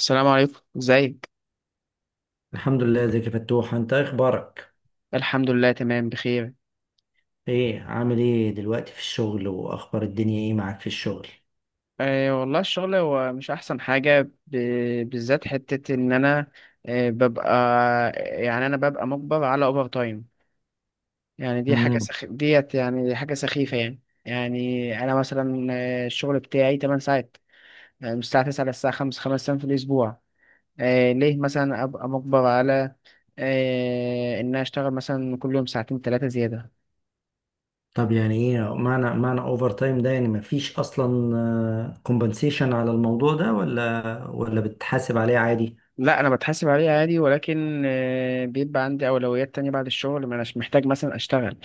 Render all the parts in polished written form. السلام عليكم، ازيك؟ الحمد لله. ازيك يا فتوح؟ انت ايه اخبارك؟ الحمد لله تمام بخير. ايه عامل ايه دلوقتي في الشغل؟ واخبار الدنيا ايه معاك في الشغل؟ والله الشغل هو مش احسن حاجة. ب... بالذات حتة ان انا ببقى، يعني انا ببقى مجبر على اوفر تايم. يعني دي حاجة امم. سخ... ديت يعني دي حاجة سخيفة يعني. يعني انا مثلا الشغل بتاعي 8 ساعات، يعني من الساعة 9 للساعة 5، خمس ايام في الاسبوع. أه ليه مثلا ابقى مجبر على ان أنا اشتغل مثلا كل يوم ساعتين ثلاثة زيادة. طب يعني ايه معنى اوفر تايم ده؟ يعني مفيش اصلا كومبنسيشن على الموضوع ده ولا بتحاسب عليه عادي؟ لا انا بتحاسب عليه عادي، ولكن بيبقى عندي اولويات تانية بعد الشغل، ما اناش محتاج مثلا اشتغل.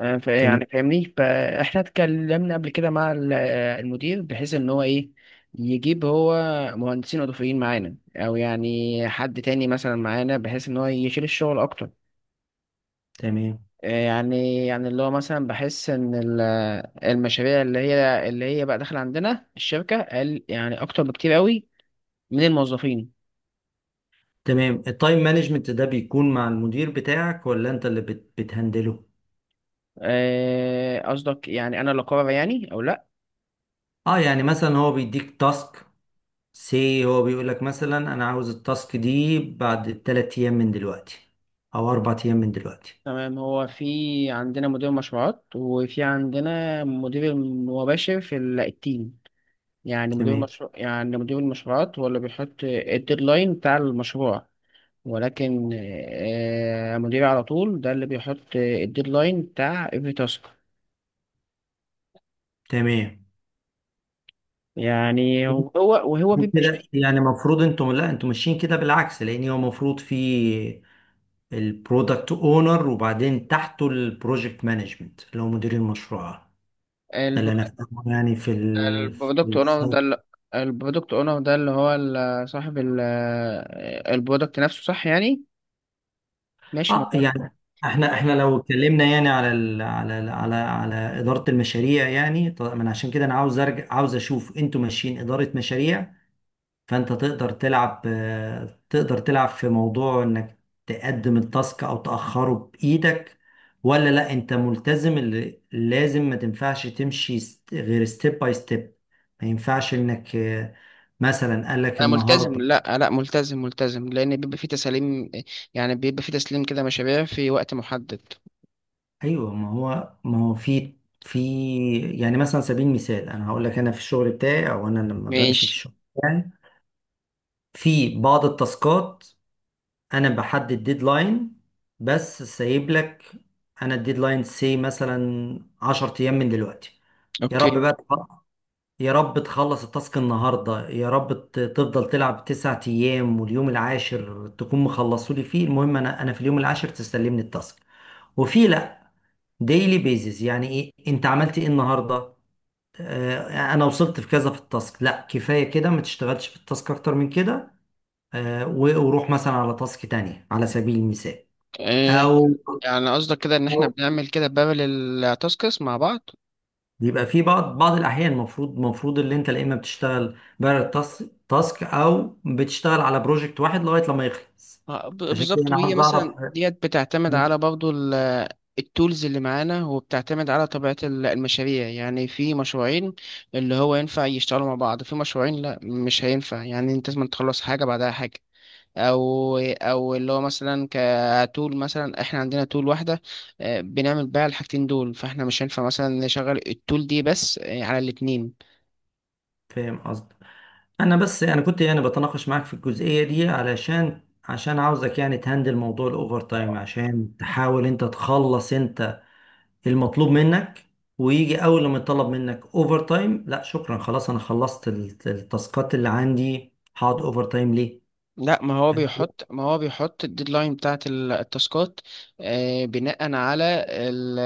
تمام. يعني فاهمني، فاحنا اتكلمنا قبل كده مع المدير بحيث ان هو ايه، يجيب هو مهندسين اضافيين معانا، او يعني حد تاني مثلا معانا بحيث ان هو يشيل الشغل اكتر. تمام. يعني اللي هو مثلا بحس ان المشاريع اللي هي بقى داخله عندنا الشركه قل يعني اكتر بكتير قوي من الموظفين. تمام، التايم مانجمنت ده بيكون مع المدير بتاعك ولا انت اللي بتهندله؟ قصدك يعني انا اللي اقرر يعني او لا. اه، يعني مثلا هو بيديك تاسك سي، هو بيقول لك مثلا انا عاوز التاسك دي بعد 3 ايام من دلوقتي او 4 ايام من دلوقتي. تمام، هو في عندنا مدير مشروعات وفي عندنا مدير مباشر في التيم، يعني مدير تمام. مشروع، يعني مدير المشروعات هو اللي بيحط الديدلاين بتاع المشروع. ولكن مديري على طول ده اللي بيحط الديدلاين بتاع every تاسك. تمام. يعني هو، وهو بيبقى كده شايف. يعني المفروض انتم، لا، انتم ماشيين كده بالعكس، لان هو المفروض في البرودكت اونر وبعدين تحته البروجكت مانجمنت اللي هو مدير المشروع. ده اللي انا البرودكت فاهمه يعني في ال البرودكت اونر ده اللي، البرودكت اونر ده اللي هو صاحب البرودكت نفسه، صح يعني؟ ماشي، ما اه، هو، يعني ما احنا هو- احنا لو اتكلمنا يعني على ال على ال على على اداره المشاريع. يعني طب عشان كده انا عاوز ارجع، عاوز اشوف انتوا ماشيين اداره مشاريع. فانت تقدر تلعب، تقدر تلعب في موضوع انك تقدم التاسك او تاخره بايدك، ولا لا انت ملتزم، اللي لازم ما تنفعش تمشي غير ستيب باي ستيب. ما ينفعش انك مثلا قال لك انا ملتزم. النهارده. لا لا ملتزم لان بيبقى في تسليم، يعني بيبقى في تسليم كده مشاريع في وقت محدد. ايوه، ما هو في في يعني مثلا على سبيل المثال انا هقول لك، انا في الشغل بتاعي، او انا لما بمشي في ماشي. الشغل بتاعي في بعض التاسكات انا بحدد ديدلاين، بس سايب لك. انا الديدلاين سي مثلا 10 ايام من دلوقتي. يا رب اوكي. بقى تخ- يا رب تخلص التاسك النهارده، يا رب تفضل تلعب 9 ايام واليوم العاشر تكون مخلصولي فيه. المهم انا، في اليوم العاشر تستلمني التاسك. وفي لا ديلي بيزز، يعني ايه انت عملت ايه النهارده؟ انا وصلت في كذا في التاسك. لا، كفايه كده، ما تشتغلش في التاسك اكتر من كده. وروح مثلا على تاسك تانية على سبيل المثال، آه، او. يعني قصدك كده ان احنا أو بنعمل كده بارل تاسكس مع بعض؟ بيبقى في بعض الاحيان المفروض اللي انت، لا، اما بتشتغل بره التاسك تاسك، او بتشتغل على بروجكت واحد لغايه لما يخلص. عشان كده بالظبط، انا وهي عاوز مثلا اعرف. ديت بتعتمد على برضو التولز اللي معانا، وبتعتمد على طبيعة المشاريع. يعني في مشروعين اللي هو ينفع يشتغلوا مع بعض، في مشروعين لا مش هينفع، يعني انت لازم تخلص حاجة بعدها حاجة. او او اللي هو مثلا كتول، مثلا احنا عندنا تول واحده بنعمل بيها الحاجتين دول، فاحنا مش هينفع مثلا نشغل التول دي بس على الاتنين. فاهم قصدي؟ انا بس انا كنت يعني بتناقش معاك في الجزئيه دي، عشان عاوزك يعني تهندل موضوع الاوفر تايم، عشان تحاول انت تخلص انت المطلوب منك، ويجي اول لما يطلب منك اوفر تايم، لا شكرا، خلاص انا خلصت التاسكات اللي عندي، هقعد اوفر تايم ليه؟ لا، ما هو بيحط الديدلاين بتاعت التاسكات بناء على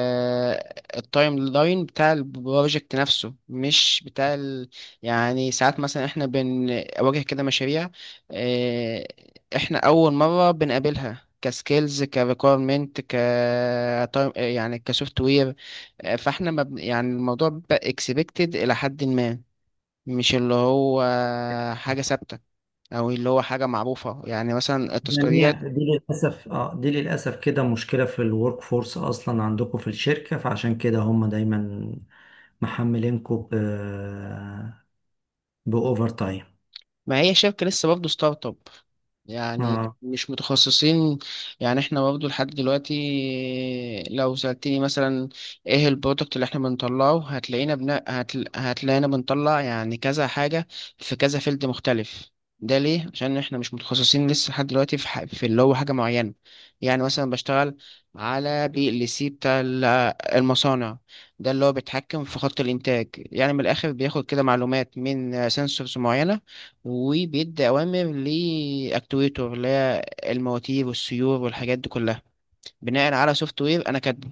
التايم لاين بتاع البروجكت نفسه، مش بتاع يعني ساعات مثلا احنا بنواجه كده مشاريع آه، احنا اول مرة بنقابلها كسكيلز كريكويرمنت، ك time- آه، يعني كسوفت وير. فاحنا ما بن- يعني الموضوع بيبقى اكسبكتد الى حد ما، مش اللي هو حاجة ثابتة او اللي هو حاجه معروفه. يعني مثلا يعني التذكاريات، هي دي للاسف اه دي للاسف كده مشكله في الورك فورس اصلا عندكم في الشركه، فعشان كده هم دايما محملينكم باوفر تايم. ما هي شركة لسه برضه ستارت اب، يعني مش متخصصين. يعني احنا برضه لحد دلوقتي، لو سألتني مثلا ايه البرودكت اللي احنا بنطلعه، هتلاقينا بنطلع يعني كذا حاجة في كذا فيلد مختلف. ده ليه؟ عشان احنا مش متخصصين لسه لحد دلوقتي في اللي هو حاجة معينة. يعني مثلا بشتغل على بي ال سي بتاع المصانع، ده اللي هو بيتحكم في خط الإنتاج. يعني من الآخر بياخد كده معلومات من سنسورز معينة، وبيدي أوامر لأكتويتور اللي هي المواتير والسيور والحاجات دي كلها، بناء على سوفت وير أنا كاتبه.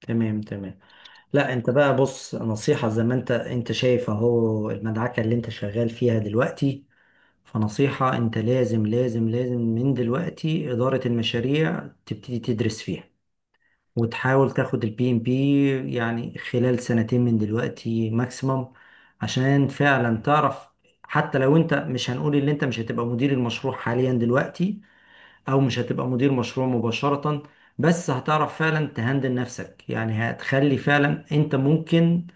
تمام. تمام. لا انت بقى بص، نصيحة، زي ما انت شايف اهو المدعكة اللي انت شغال فيها دلوقتي، فنصيحة، انت لازم لازم لازم من دلوقتي إدارة المشاريع تبتدي تدرس فيها، وتحاول تاخد البي ام بي يعني خلال سنتين من دلوقتي ماكسيمم، عشان فعلا تعرف. حتى لو انت، مش هنقول ان انت مش هتبقى مدير المشروع حاليا دلوقتي او مش هتبقى مدير مشروع مباشرة، بس هتعرف فعلا تهندل نفسك. يعني هتخلي فعلا انت ممكن،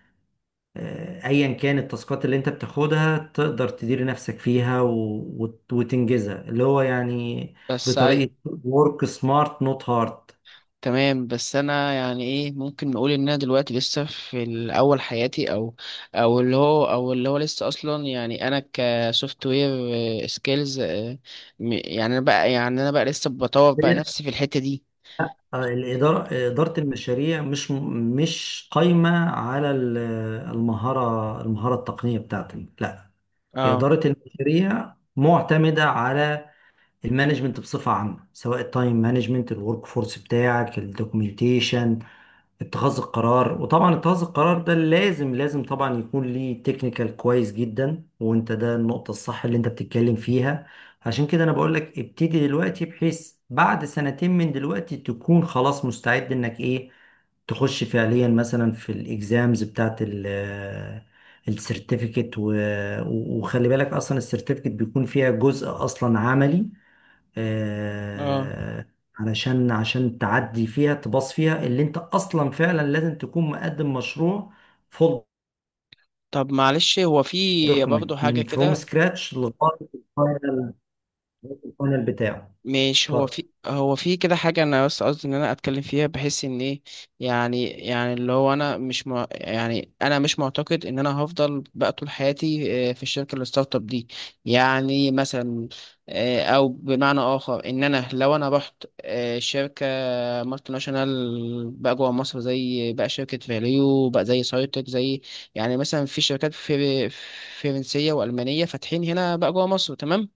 ايا كان التاسكات اللي انت بتاخدها، تقدر تدير نفسك فيها وتنجزها اللي هو يعني بس عاي... بطريقة work smart not hard. تمام، بس أنا يعني إيه، ممكن نقول إن أنا دلوقتي لسه في الأول حياتي، أو اللي هو لسه أصلا، يعني أنا كسوفت وير سكيلز، يعني أنا بقى لسه بطور بقى هي، نفسي في الحتة دي. آه، الإدارة إدارة المشاريع مش قايمة على المهارة التقنية بتاعتك، لا. اه. إدارة المشاريع معتمدة على المانجمنت بصفة عامة، سواء التايم مانجمنت، الورك فورس بتاعك، الدوكيومنتيشن، اتخاذ القرار. وطبعا اتخاذ القرار ده لازم لازم طبعا يكون ليه تكنيكال كويس جدا، وانت ده النقطة الصح اللي انت بتتكلم فيها. عشان كده انا بقول لك ابتدي دلوقتي، بحيث بعد سنتين من دلوقتي تكون خلاص مستعد انك ايه، تخش فعليا مثلا في الاكزامز بتاعت ال السيرتيفيكت. وخلي بالك اصلا السيرتيفيكت بيكون فيها جزء اصلا عملي، اه. آه، علشان تعدي فيها، تباص فيها، اللي انت اصلا فعلا لازم تكون مقدم مشروع فول طب معلش، هو في برضه دوكيمنت حاجة فروم كده، سكراتش لغايه الفاينل بتاعه. مش هو اتفضل. في، هو في كده حاجة أنا بس قصدي إن أنا أتكلم فيها بحيث إن إيه، يعني يعني اللي هو أنا مش مع، يعني أنا مش معتقد إن أنا هفضل بقى طول حياتي في الشركة الستارت اب دي. يعني مثلا أو بمعنى آخر، إن أنا لو أنا رحت شركة مالتي ناشونال بقى جوه مصر، زي بقى شركة فاليو، بقى زي سايتك، زي يعني مثلا في شركات في فرنسية وألمانية فاتحين هنا بقى جوه مصر. تمام.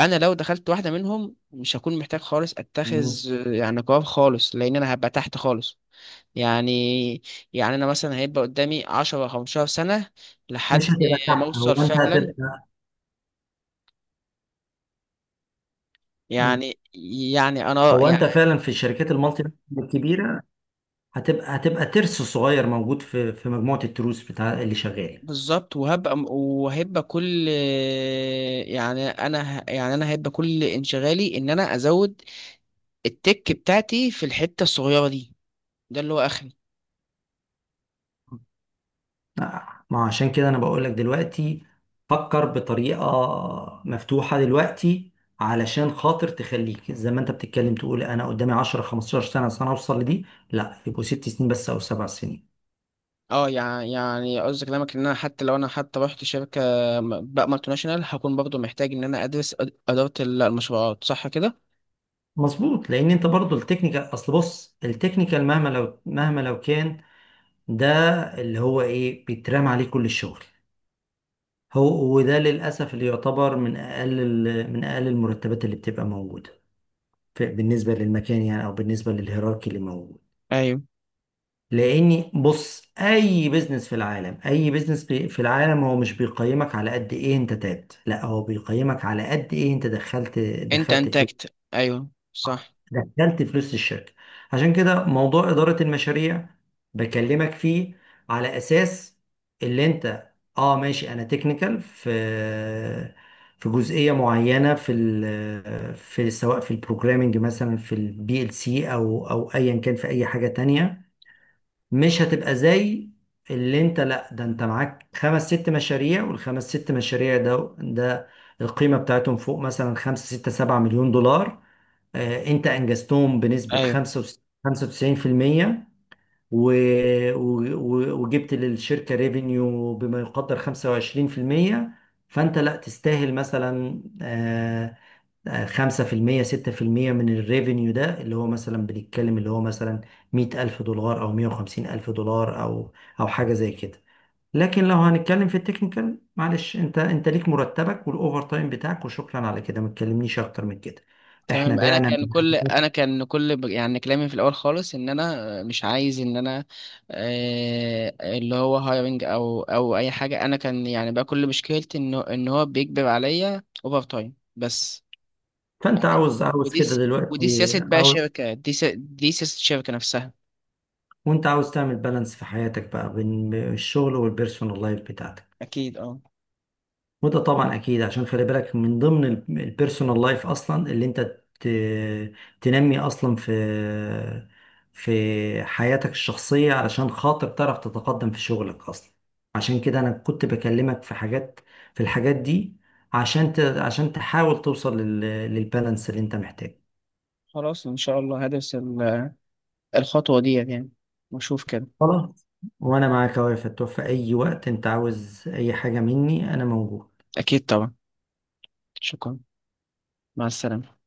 انا لو دخلت واحده منهم مش هكون محتاج خالص اتخذ مم. يعني قرار خالص، لان انا هبقى تحت خالص. يعني، يعني انا مثلا هيبقى قدامي 10 15 سنه مش لحد هتبقى ما تحت، اوصل هو انت فعلا هتبقى. مم. يعني. يعني انا هو انت يعني فعلا في الشركات المالتي ناشونال الكبيره هتبقى ترس صغير موجود في مجموعه التروس بتاع اللي شغال. بالظبط، وهبقى وهبقى كل يعني انا ه- يعني انا هيبقى كل انشغالي ان انا ازود التك بتاعتي في الحته الصغيره دي، ده اللي هو اخري. ما هو عشان كده انا بقول لك دلوقتي فكر بطريقة مفتوحة دلوقتي، علشان خاطر تخليك زي ما انت بتتكلم تقول انا قدامي 10 15 سنة عشان اوصل لدي، لا يبقوا 6 سنين بس او 7 سنين. اه، قصدي كلامك ان انا حتى لو انا حتى رحت شركه بقى مالتي ناشونال، هكون برضه محتاج ان انا ادرس اداره المشروعات، صح كده؟ مظبوط، لان انت برضو التكنيكال، اصل بص، التكنيكال مهما لو كان ده اللي هو ايه بيترمى عليه كل الشغل هو. وده للاسف اللي يعتبر من اقل المرتبات اللي بتبقى موجودة بالنسبة للمكان يعني او بالنسبة للهيراركي اللي موجود. ايوه. لاني بص، اي بيزنس في العالم، اي بيزنس في العالم هو مش بيقيمك على قد ايه انت تعبت، لا، هو بيقيمك على قد ايه انت دخلت، انت دخلت فلوس، انتكت، ايوه صح. دخلت فلوس الشركة. عشان كده موضوع إدارة المشاريع بكلمك فيه على اساس اللي انت، اه ماشي، انا تكنيكال في في جزئية معينة، في ال في سواء في البروجرامنج مثلا في البي ال سي، او ايا كان في اي حاجة تانية. مش هتبقى زي اللي انت، لا، ده انت معاك خمس ست مشاريع، والخمس ست مشاريع ده القيمة بتاعتهم فوق مثلا 5 6 7 مليون دولار. انت انجزتهم بنسبة ايوه. 95% و... و... وجبت للشركة ريفينيو بما يقدر 25%. فانت لا تستاهل مثلا، 5%، 6% من الريفينيو ده، اللي هو مثلا بنتكلم اللي هو مثلا 100,000 دولار أو 150,000 دولار، أو حاجة زي كده. لكن لو هنتكلم في التكنيكال، معلش، أنت ليك مرتبك والأوفر تايم بتاعك، وشكرا على كده، ما تكلمنيش أكتر من كده. إحنا تمام، انا بعنا كان كل من- انا كان كل ب- يعني كلامي في الاول خالص، ان انا مش عايز ان انا اللي هو هايرنج او او اي حاجه. انا كان يعني بقى كل مشكلتي ان ان هو بيجبر عليا اوفر تايم بس، فأنت يعني. عاوز ودي كده س... ودي سياسة دلوقتي. بقى عاوز. شركة، دي سياسة الشركة نفسها. وأنت عاوز تعمل بالانس في حياتك بقى بين الشغل والبيرسونال لايف بتاعتك. أكيد، أه. وده طبعا اكيد، عشان خلي بالك من ضمن البيرسونال لايف اصلا اللي انت تنمي اصلا في حياتك الشخصية علشان خاطر تعرف تتقدم في شغلك اصلا. عشان كده انا كنت بكلمك في الحاجات دي، عشان عشان تحاول توصل للبالانس اللي انت محتاجه. خلاص، إن شاء الله هدرس الخطوة دي يعني، وأشوف كده. خلاص. وانا معاك اهو يا فتوح، في اي وقت انت عاوز اي حاجة مني انا موجود. أكيد طبعا. شكرا. مع السلامة.